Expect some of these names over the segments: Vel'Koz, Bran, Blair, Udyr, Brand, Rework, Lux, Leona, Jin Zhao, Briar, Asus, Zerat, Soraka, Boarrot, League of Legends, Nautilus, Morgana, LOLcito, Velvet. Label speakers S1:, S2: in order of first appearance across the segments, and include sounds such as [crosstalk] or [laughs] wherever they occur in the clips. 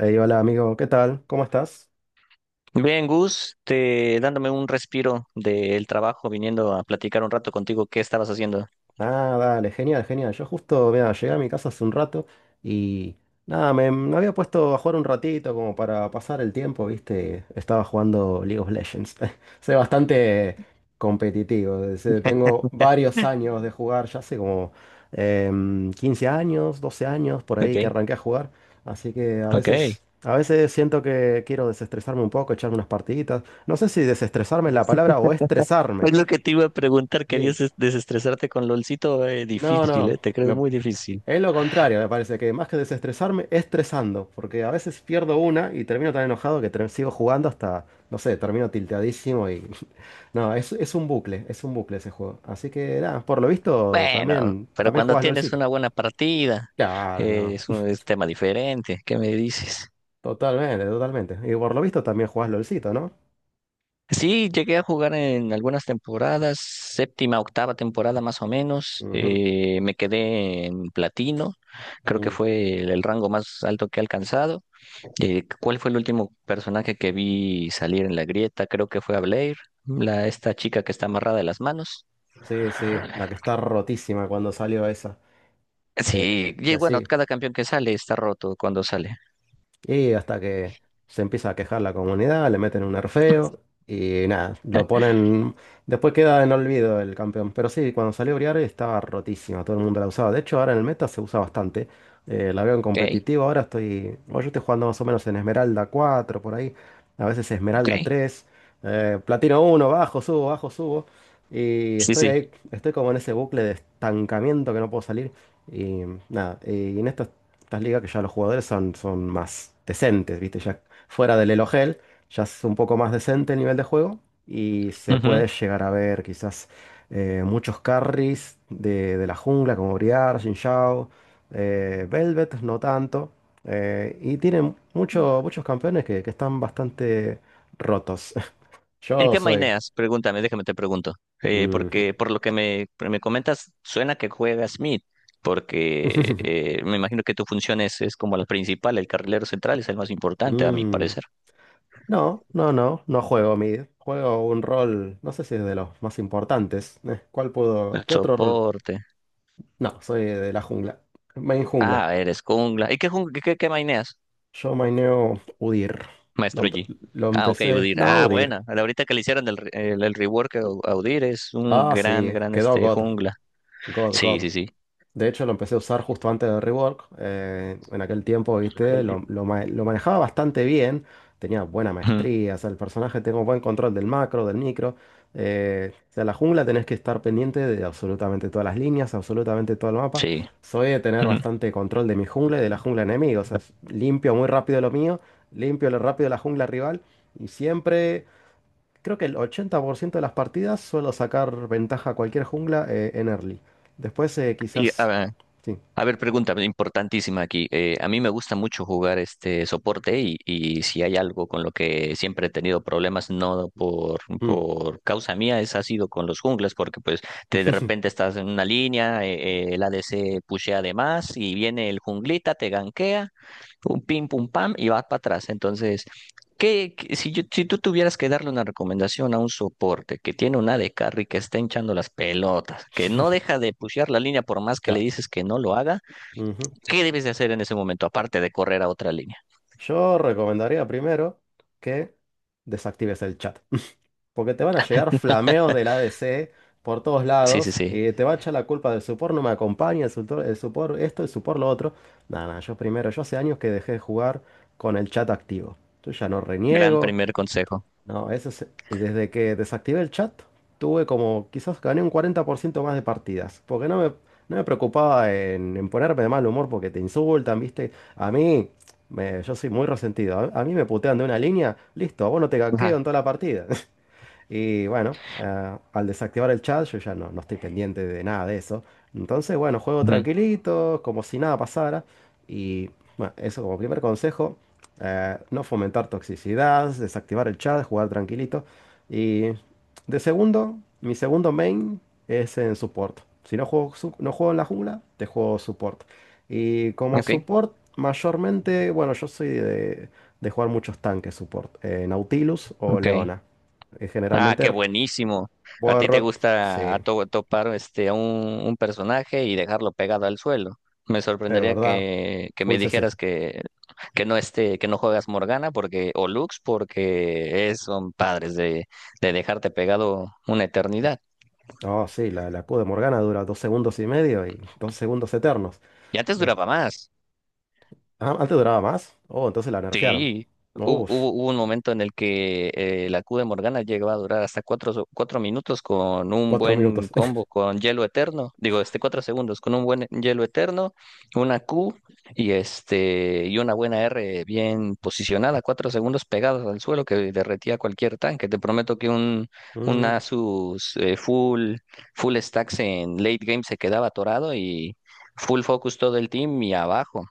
S1: Ey, hola amigo, ¿qué tal? ¿Cómo estás?
S2: Bien, Gus, te dándome un respiro del trabajo, viniendo a platicar un rato contigo, ¿qué estabas haciendo?
S1: Ah, dale, genial, genial. Yo justo, mira, llegué a mi casa hace un rato y nada, me había puesto a jugar un ratito como para pasar el tiempo, ¿viste? Estaba jugando League of Legends. [laughs] Soy bastante competitivo.
S2: [laughs]
S1: Tengo varios años de jugar, ya hace como 15 años, 12 años por
S2: Ok,
S1: ahí que arranqué a jugar. Así que a
S2: ok.
S1: veces, a veces siento que quiero desestresarme un poco, echarme unas partiditas. No sé si desestresarme es la palabra o estresarme.
S2: Es lo que te iba a preguntar,
S1: Sí.
S2: ¿querías desestresarte con LOLcito?
S1: No,
S2: Difícil,
S1: no.
S2: te creo
S1: me-
S2: muy difícil.
S1: es lo contrario, me parece que más que desestresarme, estresando. Porque a veces pierdo una y termino tan enojado que sigo jugando hasta, no sé, termino tilteadísimo y. [laughs] No, es un bucle, es un bucle ese juego. Así que nada, por lo visto
S2: Bueno,
S1: también,
S2: pero
S1: también
S2: cuando
S1: jugás
S2: tienes
S1: LOLcito.
S2: una buena partida,
S1: Claro, no.
S2: es un es tema diferente. ¿Qué me dices?
S1: Totalmente, totalmente. Y por lo visto también jugás LOLcito, ¿no?
S2: Sí, llegué a jugar en algunas temporadas, séptima, octava temporada más o menos.
S1: Ujú,
S2: Me quedé en platino, creo que
S1: mm.
S2: fue el rango más alto que he alcanzado. ¿Cuál fue el último personaje que vi salir en la grieta? Creo que fue a Blair, esta chica que está amarrada de las manos.
S1: Sí, sí, la que está rotísima cuando salió esa.
S2: Sí,
S1: Eh,
S2: y
S1: que
S2: bueno,
S1: sí.
S2: cada campeón que sale está roto cuando sale.
S1: Y hasta que se empieza a quejar la comunidad, le meten un nerfeo y nada, lo ponen. Después queda en olvido el campeón. Pero sí, cuando salió Briar estaba rotísima, todo el mundo la usaba. De hecho, ahora en el meta se usa bastante. La veo en
S2: Ok,
S1: competitivo, ahora estoy. Bueno, yo estoy jugando más o menos en Esmeralda 4 por ahí. A veces
S2: ok.
S1: Esmeralda tres, Platino uno, bajo, subo, bajo, subo. Y
S2: Sí,
S1: estoy
S2: sí.
S1: ahí, estoy como en ese bucle de estancamiento que no puedo salir. Y nada, y en esto estas ligas que ya los jugadores son más decentes, ¿viste? Ya fuera del Elo Hell, ya es un poco más decente el nivel de juego y se puede llegar a ver quizás, muchos carries de la jungla como Briar, Jin Zhao, Velvet, no tanto. Y tienen muchos campeones que están bastante rotos. [laughs]
S2: ¿En
S1: Yo
S2: qué
S1: soy...
S2: maineas? Pregúntame, déjame te pregunto.
S1: Mm.
S2: Porque por lo que me comentas, suena que juegas mid, porque
S1: [laughs]
S2: me imagino que tu función es como la principal, el carrilero central es el más importante, a mi
S1: Mm.
S2: parecer.
S1: No, no, no, no juego mid. Juego un rol, no sé si es de los más importantes. ¿Cuál puedo?
S2: El
S1: ¿Qué otro rol?
S2: soporte.
S1: No, soy de la jungla. Main jungla.
S2: Ah, eres jungla. ¿Y qué, jung- qué, qué qué maineas,
S1: Yo maineo Udyr. Lo,
S2: maestro
S1: empe-
S2: G?
S1: lo
S2: Ah, ok,
S1: empecé.
S2: Udyr.
S1: No,
S2: Ah,
S1: Udyr.
S2: buena. Ahorita que le hicieron el rework a Udyr es un
S1: Ah,
S2: gran,
S1: sí,
S2: gran
S1: quedó God.
S2: jungla.
S1: God,
S2: Sí,
S1: God.
S2: sí, sí.
S1: De hecho, lo empecé a usar justo antes de Rework. En aquel tiempo, viste, lo manejaba bastante bien. Tenía buena
S2: Ujú.
S1: maestría. O sea, el personaje tengo buen control del macro, del micro. O sea, la jungla tenés que estar pendiente de absolutamente todas las líneas, absolutamente todo el mapa.
S2: Sí.
S1: Soy de tener
S2: Ujú.
S1: bastante control de mi jungla y de la jungla enemiga. O sea, limpio muy rápido lo mío, limpio lo rápido la jungla rival. Y siempre creo que el 80% de las partidas suelo sacar ventaja a cualquier jungla, en early. Después,
S2: Y, a
S1: quizás...
S2: ver,
S1: Sí.
S2: A ver, pregunta importantísima aquí. A mí me gusta mucho jugar este soporte y si hay algo con lo que siempre he tenido problemas, no por,
S1: Mm.
S2: por causa mía, es ha sido con los jungles, porque pues te de
S1: [laughs]
S2: repente estás en una línea, el ADC pushea de más y viene el junglita, te ganquea, pum, pim, pum, pam, y vas para atrás. Entonces, Si tú tuvieras que darle una recomendación a un soporte que tiene una de carry que está hinchando las pelotas, que no deja de pushear la línea por más que le
S1: Claro.
S2: dices que no lo haga?
S1: Ujú.
S2: ¿Qué debes de hacer en ese momento, aparte de correr a otra línea?
S1: Yo recomendaría primero que desactives el chat. [laughs] Porque te van a llegar flameos del ADC por todos
S2: Sí, sí,
S1: lados
S2: sí.
S1: y te va a echar la culpa del support no me acompaña, el support esto, el support lo otro. Nada, nada, yo primero, yo hace años que dejé de jugar con el chat activo. Yo ya no
S2: Gran
S1: reniego.
S2: primer consejo.
S1: No, eso es, y desde que desactivé el chat, tuve como, quizás gané un 40% más de partidas, porque no me preocupaba en ponerme de mal humor porque te insultan, ¿viste? A mí, yo soy muy resentido, a mí me putean de una línea, listo, a vos no te ganqueo en
S2: Ajá.
S1: toda la partida. [laughs] Y bueno, al desactivar el chat, yo ya no estoy pendiente de nada de eso. Entonces, bueno, juego
S2: Ujú.
S1: tranquilito, como si nada pasara. Y bueno, eso como primer consejo, no fomentar toxicidad, desactivar el chat, jugar tranquilito. Y de segundo, mi segundo main es en support. Si no juego, no juego en la jungla, te juego support. Y como
S2: Ok,
S1: support, mayormente, bueno, yo soy de jugar muchos tanques support. Nautilus o
S2: ok.
S1: Leona,
S2: Ah,
S1: generalmente
S2: qué buenísimo. ¿A ti te
S1: Boarrot, sí,
S2: gusta topar a un personaje y dejarlo pegado al suelo? Me
S1: es
S2: sorprendería
S1: verdad.
S2: que
S1: Full
S2: me
S1: CC.
S2: dijeras que no esté, que no juegas Morgana porque, o Lux porque son padres de dejarte pegado una eternidad.
S1: Oh, sí, la Q de Morgana dura 2 segundos y medio y 2 segundos eternos.
S2: Y antes
S1: Eh,
S2: duraba más.
S1: ah, antes duraba más. Oh, entonces la nerfearon.
S2: Sí, hu-
S1: Uf,
S2: hubo, hubo un momento en el que la Q de Morgana llegaba a durar hasta cuatro minutos con un
S1: cuatro
S2: buen
S1: minutos. [laughs]
S2: combo con hielo eterno, digo, 4 segundos con un buen hielo eterno, una Q y y una buena R bien posicionada, 4 segundos pegados al suelo que derretía cualquier tanque. Te prometo que un
S1: Mm,
S2: Asus full stacks en late game se quedaba atorado y full focus todo el team y abajo.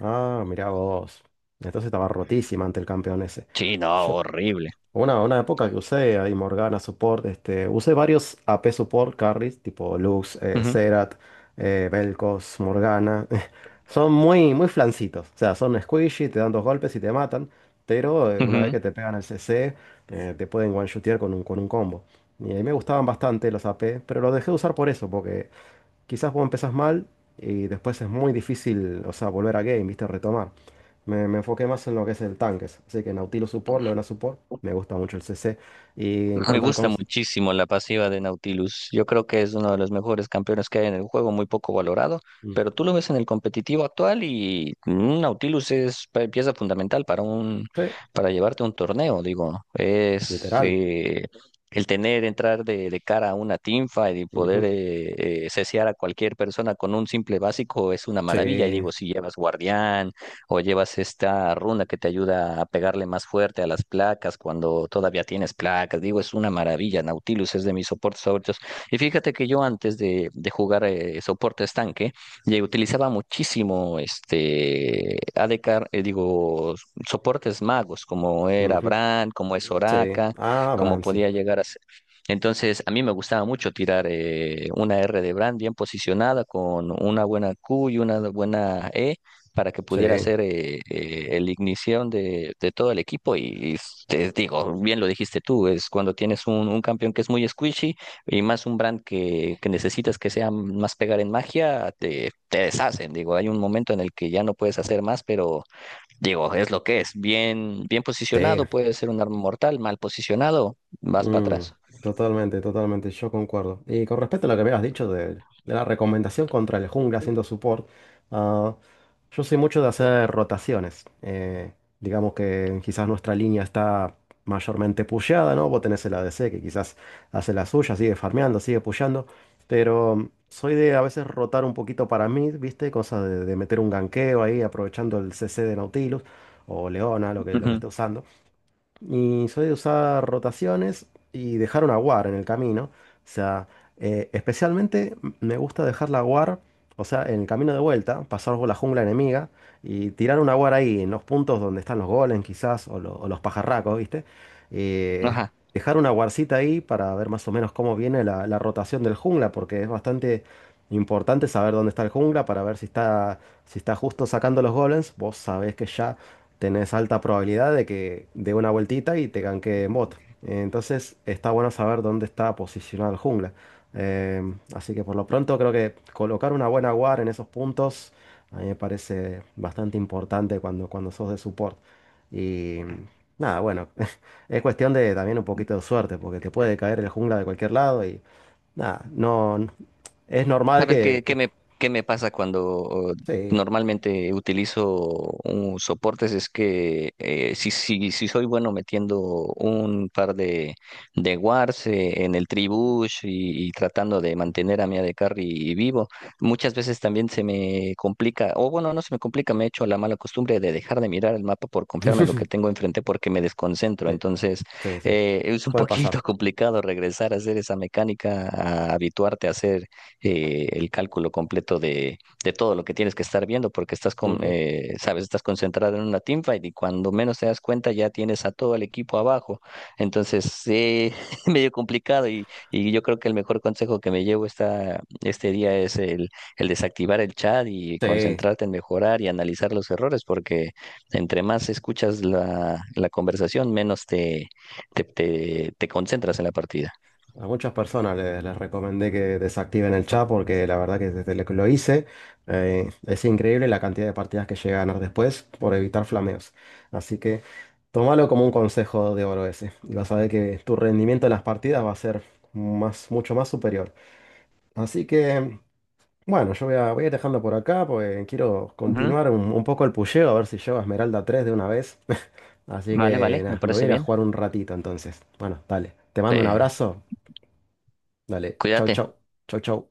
S1: ah, mirá vos. Entonces estaba rotísima ante el campeón ese.
S2: Sí, no,
S1: Yo,
S2: horrible.
S1: una época que usé ahí Morgana Support, este, usé varios AP Support carries, tipo Lux,
S2: Ujú,
S1: Zerat, Vel'Koz, Morgana. [laughs] Son muy, muy flancitos, o sea, son squishy, te dan 2 golpes y te matan, pero una vez
S2: ujú.
S1: que te pegan el CC, te pueden one-shotear con un combo. Y a mí me gustaban bastante los AP, pero los dejé de usar por eso, porque quizás vos empezás mal y después es muy difícil, o sea, volver a game, viste, retomar. Me enfoqué más en lo que es el tanques. Así que Nautilus Support, Leona Support, me gusta mucho el CC. Y en
S2: Me
S1: cuanto al
S2: gusta
S1: cons...
S2: muchísimo la pasiva de Nautilus. Yo creo que es uno de los mejores campeones que hay en el juego, muy poco valorado,
S1: Mm,
S2: pero tú lo ves en el competitivo actual y un Nautilus es pieza fundamental
S1: sí,
S2: para llevarte a un torneo, digo, es
S1: literal.
S2: el tener entrar de cara a una teamfight y poder
S1: Ujú,
S2: ceciar a cualquier persona con un simple básico es una maravilla. Y
S1: sí.
S2: digo, si llevas guardián o llevas esta runa que te ayuda a pegarle más fuerte a las placas cuando todavía tienes placas. Digo, es una maravilla. Nautilus es de mis soportes favoritos. Y fíjate que yo antes de jugar soporte estanque, ya utilizaba muchísimo ADK, digo, soportes magos, como era
S1: Ujú,
S2: Brand, como es
S1: sí.
S2: Soraka,
S1: Ah,
S2: como
S1: Bran, sí.
S2: podía llegar a ser. Entonces, a mí me gustaba mucho tirar una R de Brand bien posicionada con una buena Q y una buena E para que
S1: Sí.
S2: pudiera ser el ignición de todo el equipo. Y, te digo, bien lo dijiste tú, es cuando tienes un campeón que es muy squishy y más un brand que necesitas que sea más pegar en magia, te deshacen. Digo, hay un momento en el que ya no puedes hacer más, pero digo, es lo que es. Bien, bien
S1: Sí.
S2: posicionado, puede ser un arma mortal, mal posicionado, vas para
S1: Mm,
S2: atrás.
S1: Totalmente, totalmente, yo concuerdo. Y con respecto a lo que me habías dicho de la recomendación contra el jungla haciendo support, ah, yo soy mucho de hacer rotaciones. Digamos que quizás nuestra línea está mayormente pusheada, ¿no? Vos tenés el ADC que quizás hace la suya, sigue farmeando, sigue pusheando, pero soy de a veces rotar un poquito para mí, ¿viste? Cosa de meter un ganqueo ahí aprovechando el CC de Nautilus o Leona, lo que
S2: Ujú.
S1: esté usando. Y soy de usar rotaciones y dejar una war en el camino. O sea, especialmente me gusta dejar la war, o sea, en el camino de vuelta, pasar por la jungla enemiga y tirar una war ahí, en los puntos donde están los golems quizás, o los pajarracos, ¿viste? Eh,
S2: Ajá.
S1: Dejar una warcita ahí para ver más o menos cómo viene la rotación del jungla, porque es bastante importante saber dónde está el jungla para ver si está, justo sacando los golems. Vos sabés que ya tenés alta probabilidad de que dé una vueltita y te ganque en bot. Entonces está bueno saber dónde está posicionado el jungla. Así que por lo pronto creo que colocar una buena guard en esos puntos a mí me parece bastante importante cuando sos de support. Y nada, bueno, [laughs] es cuestión de también un poquito de suerte porque te puede caer el jungla de cualquier lado y nada, no, es normal
S2: ¿Sabes
S1: que,
S2: qué, qué
S1: que
S2: me, qué me pasa cuando
S1: sí,
S2: normalmente utilizo un soportes? Es que si soy bueno metiendo un par de wards en el tribush y tratando de mantener a mi AD Carry vivo, muchas veces también se me complica, o bueno, no se me complica, me he hecho la mala costumbre de dejar de mirar el mapa por confiarme en lo que
S1: [laughs]
S2: tengo enfrente porque me desconcentro.
S1: sí,
S2: Entonces,
S1: sí, sí,
S2: es un
S1: puede
S2: poquito [laughs]
S1: pasar.
S2: complicado regresar a hacer esa mecánica, a habituarte a hacer el cálculo completo de todo lo que tienes que estar viendo, porque estás con,
S1: Ujú.
S2: sabes, estás concentrado en una teamfight y cuando menos te das cuenta ya tienes a todo el equipo abajo. Entonces, [laughs] medio complicado y yo creo que el mejor consejo que me llevo este día es el desactivar el chat y
S1: Sí.
S2: concentrarte en mejorar y analizar los errores, porque entre más escuchas la conversación, menos te concentras en la partida.
S1: A muchas personas les recomendé que desactiven el chat porque la verdad que desde lo que lo hice, es increíble la cantidad de partidas que llegué a ganar después por evitar flameos. Así que tómalo como un consejo de oro ese y vas a ver que tu rendimiento en las partidas va a ser más, mucho más superior. Así que bueno, yo voy a ir dejando por acá porque quiero
S2: Ujú.
S1: continuar un poco el pusheo a ver si llego a Esmeralda 3 de una vez. [laughs] Así
S2: Vale,
S1: que
S2: vale, me
S1: nada, me voy a
S2: parece
S1: ir a
S2: bien.
S1: jugar un ratito entonces. Bueno, dale. Te mando un
S2: Eh,
S1: abrazo. Dale, chau,
S2: Cuídate.
S1: chau. Chau, chau.